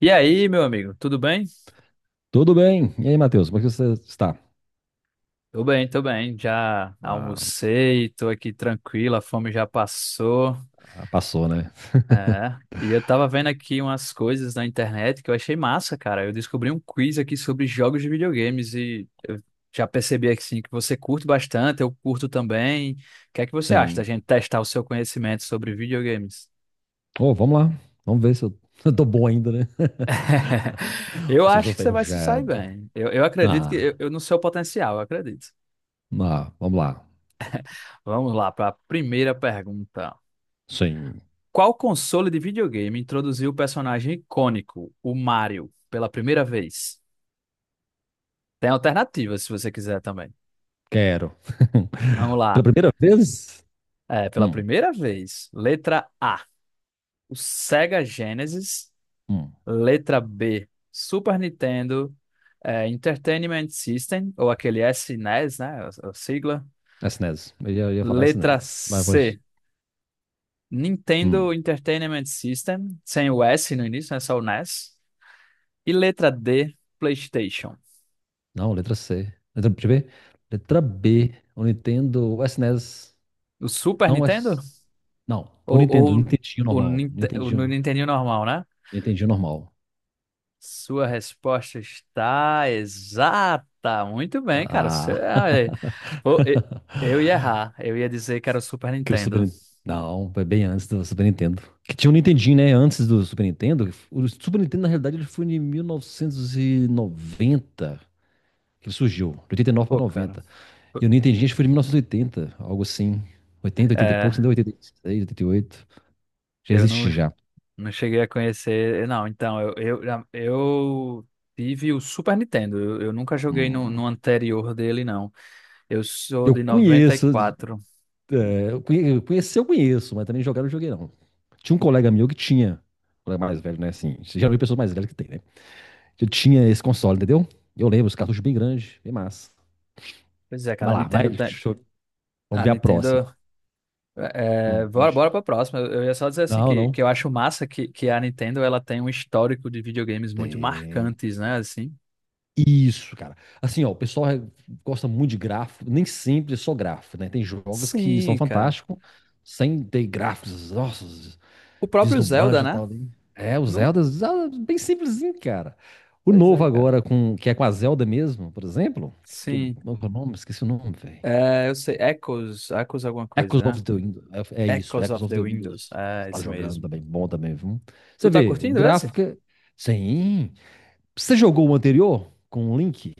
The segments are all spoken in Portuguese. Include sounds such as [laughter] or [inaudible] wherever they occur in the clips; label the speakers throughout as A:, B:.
A: E aí, meu amigo, tudo bem?
B: Tudo bem? E aí, Matheus, como é que você está?
A: Tô bem, tô bem. Já
B: Ah,
A: almocei, tô aqui tranquilo, a fome já passou.
B: ah, passou, né? [laughs]
A: É. E eu tava vendo aqui umas coisas na internet que eu achei massa, cara. Eu descobri um quiz aqui sobre jogos de videogames e eu já percebi aqui sim, que você curte bastante, eu curto também. O que é que você acha da
B: Sim.
A: gente testar o seu conhecimento sobre videogames?
B: Oh, vamos lá. Vamos ver se eu, [laughs] eu tô bom ainda, né? [laughs]
A: [laughs] Eu
B: Ou se eu
A: acho
B: estou
A: que você vai se sair
B: ferrujado.
A: bem. Eu acredito que eu,
B: Ah,
A: eu no seu potencial, eu acredito.
B: ah, vamos lá.
A: Vamos lá para a primeira pergunta.
B: Sim,
A: Qual console de videogame introduziu o personagem icônico, o Mario, pela primeira vez? Tem alternativas se você quiser também.
B: quero.
A: Vamos
B: [laughs] Pela
A: lá.
B: primeira vez?
A: É, pela
B: Hum,
A: primeira vez, letra A, o Sega Genesis.
B: hum.
A: Letra B, Super Nintendo, é, Entertainment System, ou aquele SNES, né? A sigla.
B: SNES. Eu ia falar
A: Letra
B: SNES, mas pode.
A: C, Nintendo
B: Hum.
A: Entertainment System, sem o S no início, né? Só o NES. E S. E letra D, PlayStation.
B: Não, letra C. Letra, deixa eu ver. Letra B. O Nintendo. O SNES.
A: O Super
B: Não, o
A: Nintendo?
B: S. Não, por
A: Ou
B: Nintendo. Nintendinho
A: o,
B: normal.
A: Ninte- o no
B: Nintendinho.
A: Nintendinho normal, né?
B: Entendi normal.
A: Sua resposta está exata. Muito bem, cara. Você-
B: Ah.
A: ah, é, pô, e- eu
B: [laughs]
A: ia errar. Eu ia dizer que era o Super
B: Que o Super.
A: Nintendo.
B: Não, foi bem antes do Super Nintendo. Que tinha o Nintendinho, né? Antes do Super Nintendo. O Super Nintendo, na realidade, ele foi em 1990 que ele surgiu. De 89
A: Pô,
B: para
A: cara.
B: 90. E o Nintendinho acho que foi de 1980 algo assim. Oitenta, 80 e pouco,
A: É,
B: entendeu? 86, 88. Já
A: eu não,
B: existe já.
A: não cheguei a conhecer. Não, então, eu tive o Super Nintendo. Eu nunca joguei no
B: Hum.
A: anterior dele, não. Eu sou
B: Eu
A: de noventa e
B: conheço,
A: quatro.
B: é, conhecer eu conheço, mas também jogar eu não joguei não. Tinha um colega meu que tinha, um colega mais velho, né? Assim, geralmente pessoas mais velhas que tem, né? Que tinha esse console, entendeu? Eu lembro, os cartuchos bem grandes, bem massa.
A: Pois é, cara,
B: Vai
A: a
B: lá, vai,
A: Nintendo tem.
B: vamos
A: A
B: ver a próxima.
A: Nintendo. É, é,
B: Pode.
A: bora, bora pra próxima. Eu ia só dizer assim
B: Não,
A: que
B: não.
A: eu acho massa que a Nintendo ela tem um histórico de videogames muito
B: Tem.
A: marcantes, né? Assim.
B: Isso, cara. Assim, ó, o pessoal gosta muito de gráfico, nem sempre é só gráfico, né? Tem jogos que são
A: Sim, cara.
B: fantásticos, sem ter gráficos, nossa,
A: O próprio Zelda,
B: vislumbrante e
A: né?
B: tal, né? É, o
A: Não?
B: Zelda, Zelda é bem simplesinho, cara. O
A: Pois é,
B: novo
A: cara.
B: agora, que é com a Zelda mesmo, por exemplo,
A: Sim.
B: qual que é o nome, esqueci o nome, velho.
A: É, eu sei. Echoes, Echoes alguma
B: Echoes
A: coisa, né?
B: of the Windows, é isso,
A: Echoes
B: Echoes
A: of
B: of
A: the
B: the
A: Windows.
B: Windows. Você
A: É,
B: tá
A: esse
B: jogando
A: mesmo.
B: também, bom também, viu? Você
A: Tu tá
B: vê, o
A: curtindo esse?
B: gráfico, sim. Você jogou o anterior com o Link?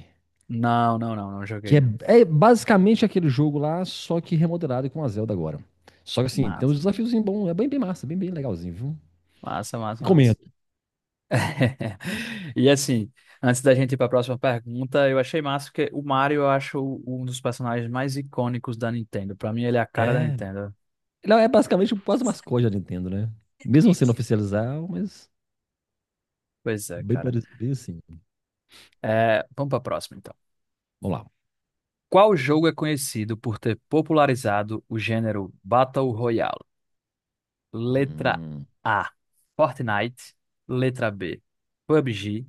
A: Não, não, não. Não joguei,
B: Que é,
A: não.
B: é basicamente aquele jogo lá, só que remodelado e com a Zelda agora. Só que assim, tem uns
A: Massa,
B: desafios bons, é bem, bem massa, bem, bem legalzinho, viu?
A: massa, massa, massa.
B: Recomendo.
A: [laughs] E assim, antes da gente ir para a próxima pergunta, eu achei massa que o Mario eu acho um dos personagens mais icônicos da Nintendo. Para mim, ele é a cara da
B: É.
A: Nintendo.
B: Ele é basicamente quase o mascote da Nintendo, né? Mesmo sendo oficializado, mas
A: Pois é,
B: bem,
A: cara.
B: bem assim.
A: É, vamos para a próxima, então.
B: Vamos lá.
A: Qual jogo é conhecido por ter popularizado o gênero Battle Royale? Letra
B: Hum,
A: A, Fortnite. Letra B, PUBG.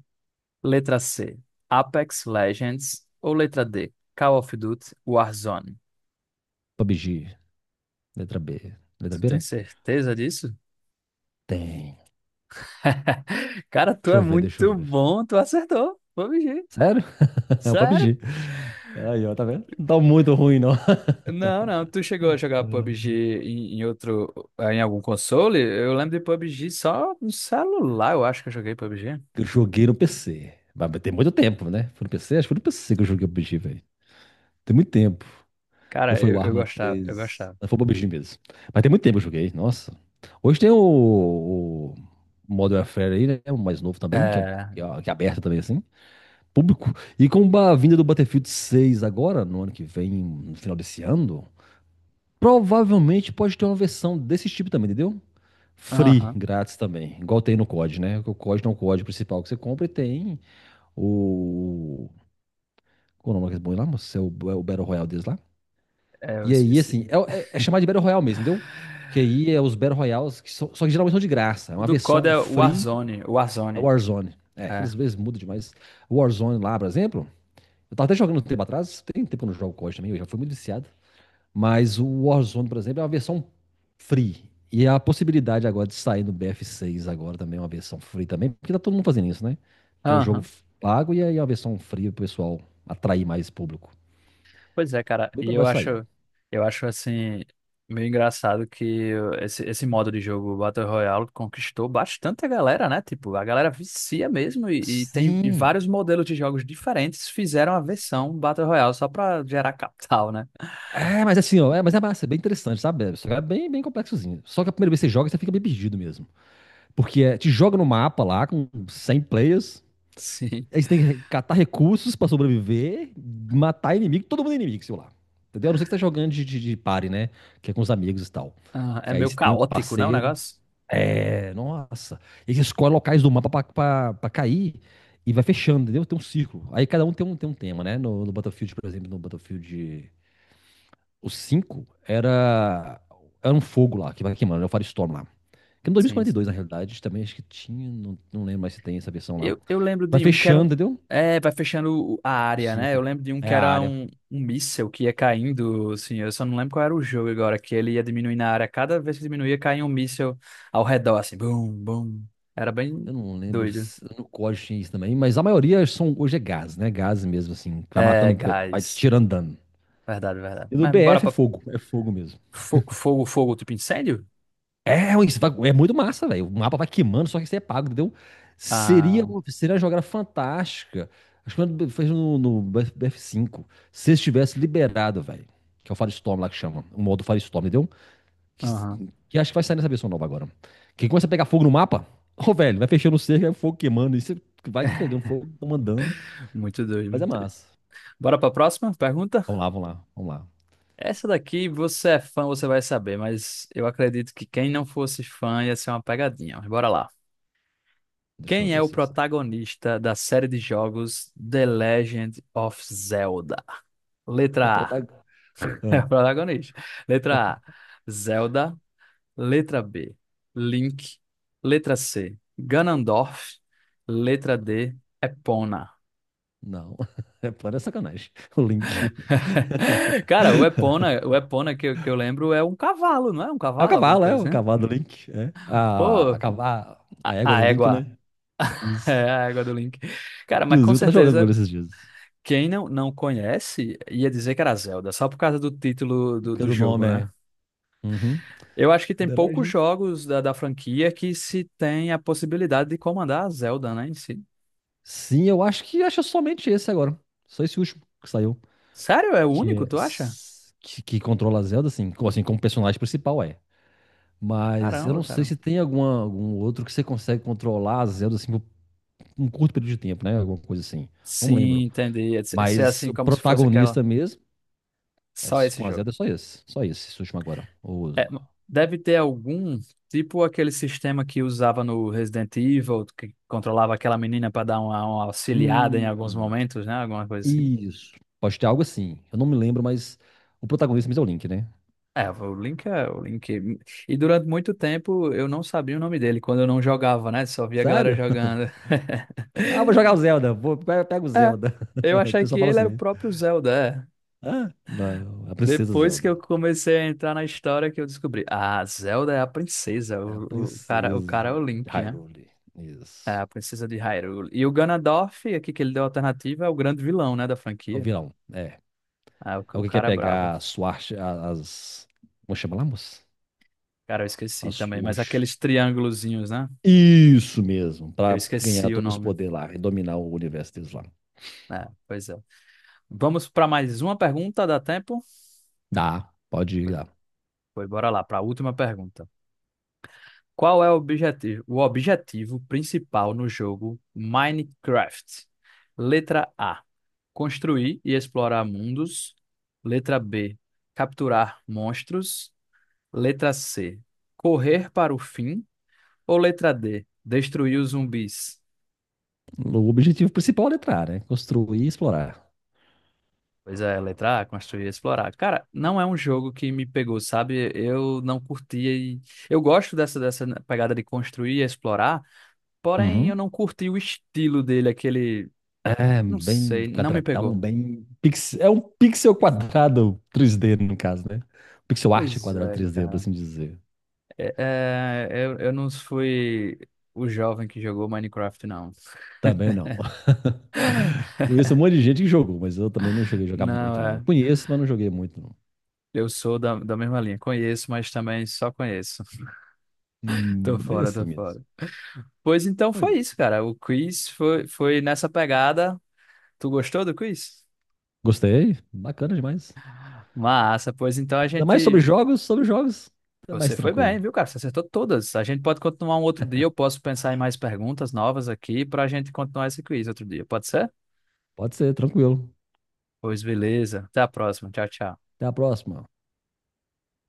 A: Letra C, Apex Legends. Ou letra D, Call of Duty Warzone.
B: PUBG, letra B. Letra
A: Tu
B: B,
A: tem
B: né?
A: certeza disso?
B: Tem.
A: [laughs] Cara, tu
B: Deixa
A: é
B: eu ver, deixa eu
A: muito
B: ver.
A: bom, tu acertou. PUBG.
B: Sério? [laughs] É o
A: Sério?
B: PUBG. Aí, ó, tá vendo? Não tá muito ruim, não. [laughs]
A: Não, não, tu chegou a jogar PUBG em outro, em algum console? Eu lembro de PUBG só no celular, eu acho que eu joguei PUBG.
B: Eu joguei no PC. Mas tem muito tempo, né? Foi no PC? Acho que foi no PC que eu joguei o PUBG, velho. Tem muito tempo. Ou
A: Cara,
B: foi o
A: eu
B: Arma
A: gostava, eu
B: três?
A: gostava.
B: Não, foi o PUBG mesmo. Mas tem muito tempo que eu joguei. Nossa. Hoje tem o Modern Warfare aí, né? O mais novo também, que é, um-
A: É,
B: que é aberto também, assim. Público. E com a vinda do Battlefield 6 agora, no ano que vem, no final desse ano, provavelmente pode ter uma versão desse tipo também, entendeu? Free,
A: aham,
B: grátis também. Igual tem no COD, né? O COD não é o código principal que você compra e tem o. Qual é o nome que eles põem lá, moço? É o Battle Royale deles lá?
A: é, eu
B: E aí,
A: esqueci.
B: assim, é chamado de Battle Royale mesmo, entendeu? Que aí é os Battle Royales, que são, só que geralmente são de graça. É
A: O
B: uma
A: do COD
B: versão
A: é
B: free,
A: Warzone,
B: é
A: Warzone,
B: Warzone. É,
A: é.
B: aquelas vezes muda demais. Warzone lá, por exemplo, eu tava até jogando um tempo atrás, tem tempo que eu não jogo COD também, eu já fui muito viciado. Mas o Warzone, por exemplo, é uma versão free. E a possibilidade agora de sair no BF6 agora também é uma versão free também, porque tá todo mundo fazendo isso, né? Tem o jogo
A: Aham.
B: pago e aí a versão free pro pessoal atrair mais público.
A: Pois é, cara,
B: Bem
A: e eu
B: provável de sair.
A: acho, eu acho assim, meio engraçado que esse modo de jogo Battle Royale conquistou bastante a galera, né? Tipo, a galera vicia mesmo e tem
B: Sim,
A: vários modelos de jogos diferentes fizeram a versão Battle Royale só pra gerar [laughs] capital, né?
B: é, mas assim, ó, é, mas é massa, é bem interessante, sabe? Só que é bem, bem complexozinho. Só que a primeira vez que você joga, você fica bem perdido mesmo. Porque é, te joga no mapa lá com 100 players,
A: Sim.
B: aí você tem que catar recursos pra sobreviver, matar inimigo, todo mundo é inimigo, sei lá. Entendeu? A não ser que você tá jogando de party, né? Que é com os amigos e tal.
A: Ah, é
B: Que aí
A: meio
B: você tem um
A: caótico, né, o
B: parceiro.
A: negócio?
B: É, nossa. E você escolhe locais do mapa pra cair e vai fechando, entendeu? Tem um círculo. Aí cada um tem um, tema, né? No Battlefield, por exemplo, no Battlefield o 5 era um fogo lá, que vai queimando, é o Firestorm lá. Que no dois mil e
A: Sim,
B: quarenta e dois
A: sim.
B: na realidade, também acho que tinha, não, não lembro mais se tem essa versão lá.
A: Eu lembro
B: Vai
A: de um que era um.
B: fechando, entendeu?
A: É, vai fechando a
B: O
A: área, né? Eu
B: círculo.
A: lembro de um que
B: É a
A: era
B: área.
A: um míssel que ia caindo, assim. Eu só não lembro qual era o jogo agora, que ele ia diminuindo a área. Cada vez que diminuía, caía um míssel ao redor, assim. Bum, bum. Era bem
B: Eu não lembro,
A: doido.
B: no código tinha isso também, mas a maioria são, hoje é gás, né? Gás mesmo, assim, que vai
A: É,
B: matando, vai te
A: gás.
B: tirando dano.
A: Verdade, verdade.
B: E no
A: Mas bora
B: BF
A: pra
B: é fogo mesmo.
A: fogo, fogo, tipo incêndio?
B: É, isso é muito massa, velho. O mapa vai queimando, só que isso é pago, entendeu? Seria,
A: Ah,
B: seria uma jogada fantástica. Acho que quando fez no BF cinco, se estivesse liberado, velho. Que é o Firestorm lá que chama. O modo Firestorm, entendeu? Que,
A: aham.
B: que acho que vai sair nessa versão nova agora. Que começa a pegar fogo no mapa. Ô, velho, vai fechando o cerco, aí o fogo queimando. E você vai pegando fogo, mandando.
A: Muito doido,
B: Mas é
A: muito doido.
B: massa.
A: Bora pra próxima pergunta?
B: Vamos lá, vamos lá, vamos lá.
A: Essa daqui, você é fã, você vai saber, mas eu acredito que quem não fosse fã ia ser uma pegadinha. Mas bora lá.
B: Deixa eu
A: Quem é
B: ver
A: o
B: se eu sei.
A: protagonista da série de jogos The Legend of Zelda?
B: O
A: Letra A.
B: protagonista.
A: [laughs] É o protagonista. Letra A. Zelda. Letra B. Link. Letra C. Ganondorf. Letra D. Epona.
B: Não, [laughs] é para sacanagem. O Link. [laughs]
A: [laughs] Cara, o Epona que, que eu lembro é um cavalo, não é? Um cavalo, alguma
B: É
A: coisa
B: o
A: assim?
B: cavalo do Link. É. A, a,
A: Pô,
B: cava- a
A: a,
B: égua
A: a
B: do Link,
A: égua.
B: né?
A: [laughs]
B: Isso.
A: É a égua do Link. Cara, mas com
B: Inclusive, eu tava jogando com ele
A: certeza.
B: esses dias.
A: Quem não, não conhece ia dizer que era Zelda, só por causa do título do,
B: Porque
A: do
B: do
A: jogo,
B: nome
A: né?
B: é. Uhum.
A: Eu acho que tem
B: The
A: poucos
B: Legend.
A: jogos da franquia que se tem a possibilidade de comandar a Zelda, né, em si.
B: Sim, eu acho que acho somente esse agora. Só esse último que saiu.
A: Sério? É o
B: Que,
A: único,
B: é,
A: tu acha?
B: s- que controla a Zelda, assim, assim, como personagem principal é. Mas eu
A: Caramba,
B: não sei
A: cara.
B: se tem alguma, algum outro que você consegue controlar a Zelda assim, por um curto período de tempo, né? Alguma coisa assim. Não
A: Sim,
B: lembro.
A: entendi. Esse é
B: Mas
A: assim
B: o
A: como se fosse aquela.
B: protagonista mesmo, é,
A: Só esse
B: com a
A: jogo.
B: Zelda, é só esse. Só esse, esse último agora.
A: É, deve ter algum, tipo aquele sistema que usava no Resident Evil, que controlava aquela menina para dar uma auxiliada em alguns
B: Hum,
A: momentos, né? Alguma coisa assim.
B: isso. Pode ter algo assim. Eu não me lembro, mas o protagonista mesmo é o Link, né?
A: É, o Link é o Link. E durante muito tempo eu não sabia o nome dele quando eu não jogava, né? Só via a galera
B: Sério? [laughs]
A: jogando.
B: Ah, vou jogar o
A: [laughs]
B: Zelda. Pego o
A: É,
B: Zelda.
A: eu
B: [laughs] O
A: achei que
B: pessoal fala
A: ele era o
B: assim.
A: próprio Zelda. É.
B: Ah, não, a princesa
A: Depois que
B: Zelda.
A: eu comecei a entrar na história que eu descobri, ah, Zelda é a princesa,
B: É a
A: o cara é
B: princesa
A: o Link, né?
B: Hyrule.
A: É
B: Isso.
A: a princesa de Hyrule. E o Ganondorf, aqui que ele deu a alternativa, é o grande vilão, né, da
B: O
A: franquia.
B: vilão, é.
A: Ah, o
B: Alguém quer
A: cara é brabo.
B: pegar a Swart, as. Como chama lá, moça?
A: Cara, eu esqueci
B: As
A: também, mas
B: Sword.
A: aqueles triângulozinhos, né?
B: Isso mesmo,
A: Eu
B: para ganhar
A: esqueci o
B: todos os
A: nome.
B: poderes lá e dominar o universo deles lá.
A: É, pois é. Vamos para mais uma pergunta, dá tempo?
B: Dá, pode ir
A: Foi,
B: lá.
A: foi, bora lá, para a última pergunta. Qual é o objetivo principal no jogo Minecraft? Letra A: construir e explorar mundos. Letra B: capturar monstros. Letra C: correr para o fim. Ou letra D: destruir os zumbis?
B: O objetivo principal é entrar, né? Construir e explorar.
A: Pois é, letra A, construir e explorar. Cara, não é um jogo que me pegou, sabe? Eu não curtia e... Eu gosto dessa né, pegada de construir e explorar, porém eu
B: Uhum.
A: não curti o estilo dele, aquele...
B: É,
A: Não
B: bem
A: sei, não me
B: quadradão,
A: pegou.
B: bem. É um pixel quadrado 3D, no caso, né? Pixel art
A: Pois
B: quadrado
A: é,
B: 3D, por
A: cara.
B: assim dizer.
A: É, é, eu não fui o jovem que jogou Minecraft, não. [laughs]
B: Também não. [laughs] Conheço um monte de gente que jogou, mas eu também não cheguei a jogar
A: Não,
B: muito, não. Eu
A: é.
B: conheço, mas não joguei muito, não.
A: Eu sou da mesma linha. Conheço, mas também só conheço. [laughs] Tô
B: Mas é
A: fora,
B: assim
A: tô
B: mesmo.
A: fora. Pois então
B: Olha,
A: foi isso, cara. O quiz foi, foi nessa pegada. Tu gostou do quiz?
B: gostei, bacana demais.
A: Massa, pois então a
B: Ainda mais
A: gente.
B: sobre jogos é
A: Você
B: mais
A: foi
B: tranquilo.
A: bem, viu, cara? Você acertou todas. A gente pode continuar um outro dia. Eu posso pensar em mais perguntas novas aqui para a gente continuar esse quiz outro dia. Pode ser?
B: Pode ser, tranquilo.
A: Pois beleza. Até a próxima. Tchau, tchau.
B: Até a próxima.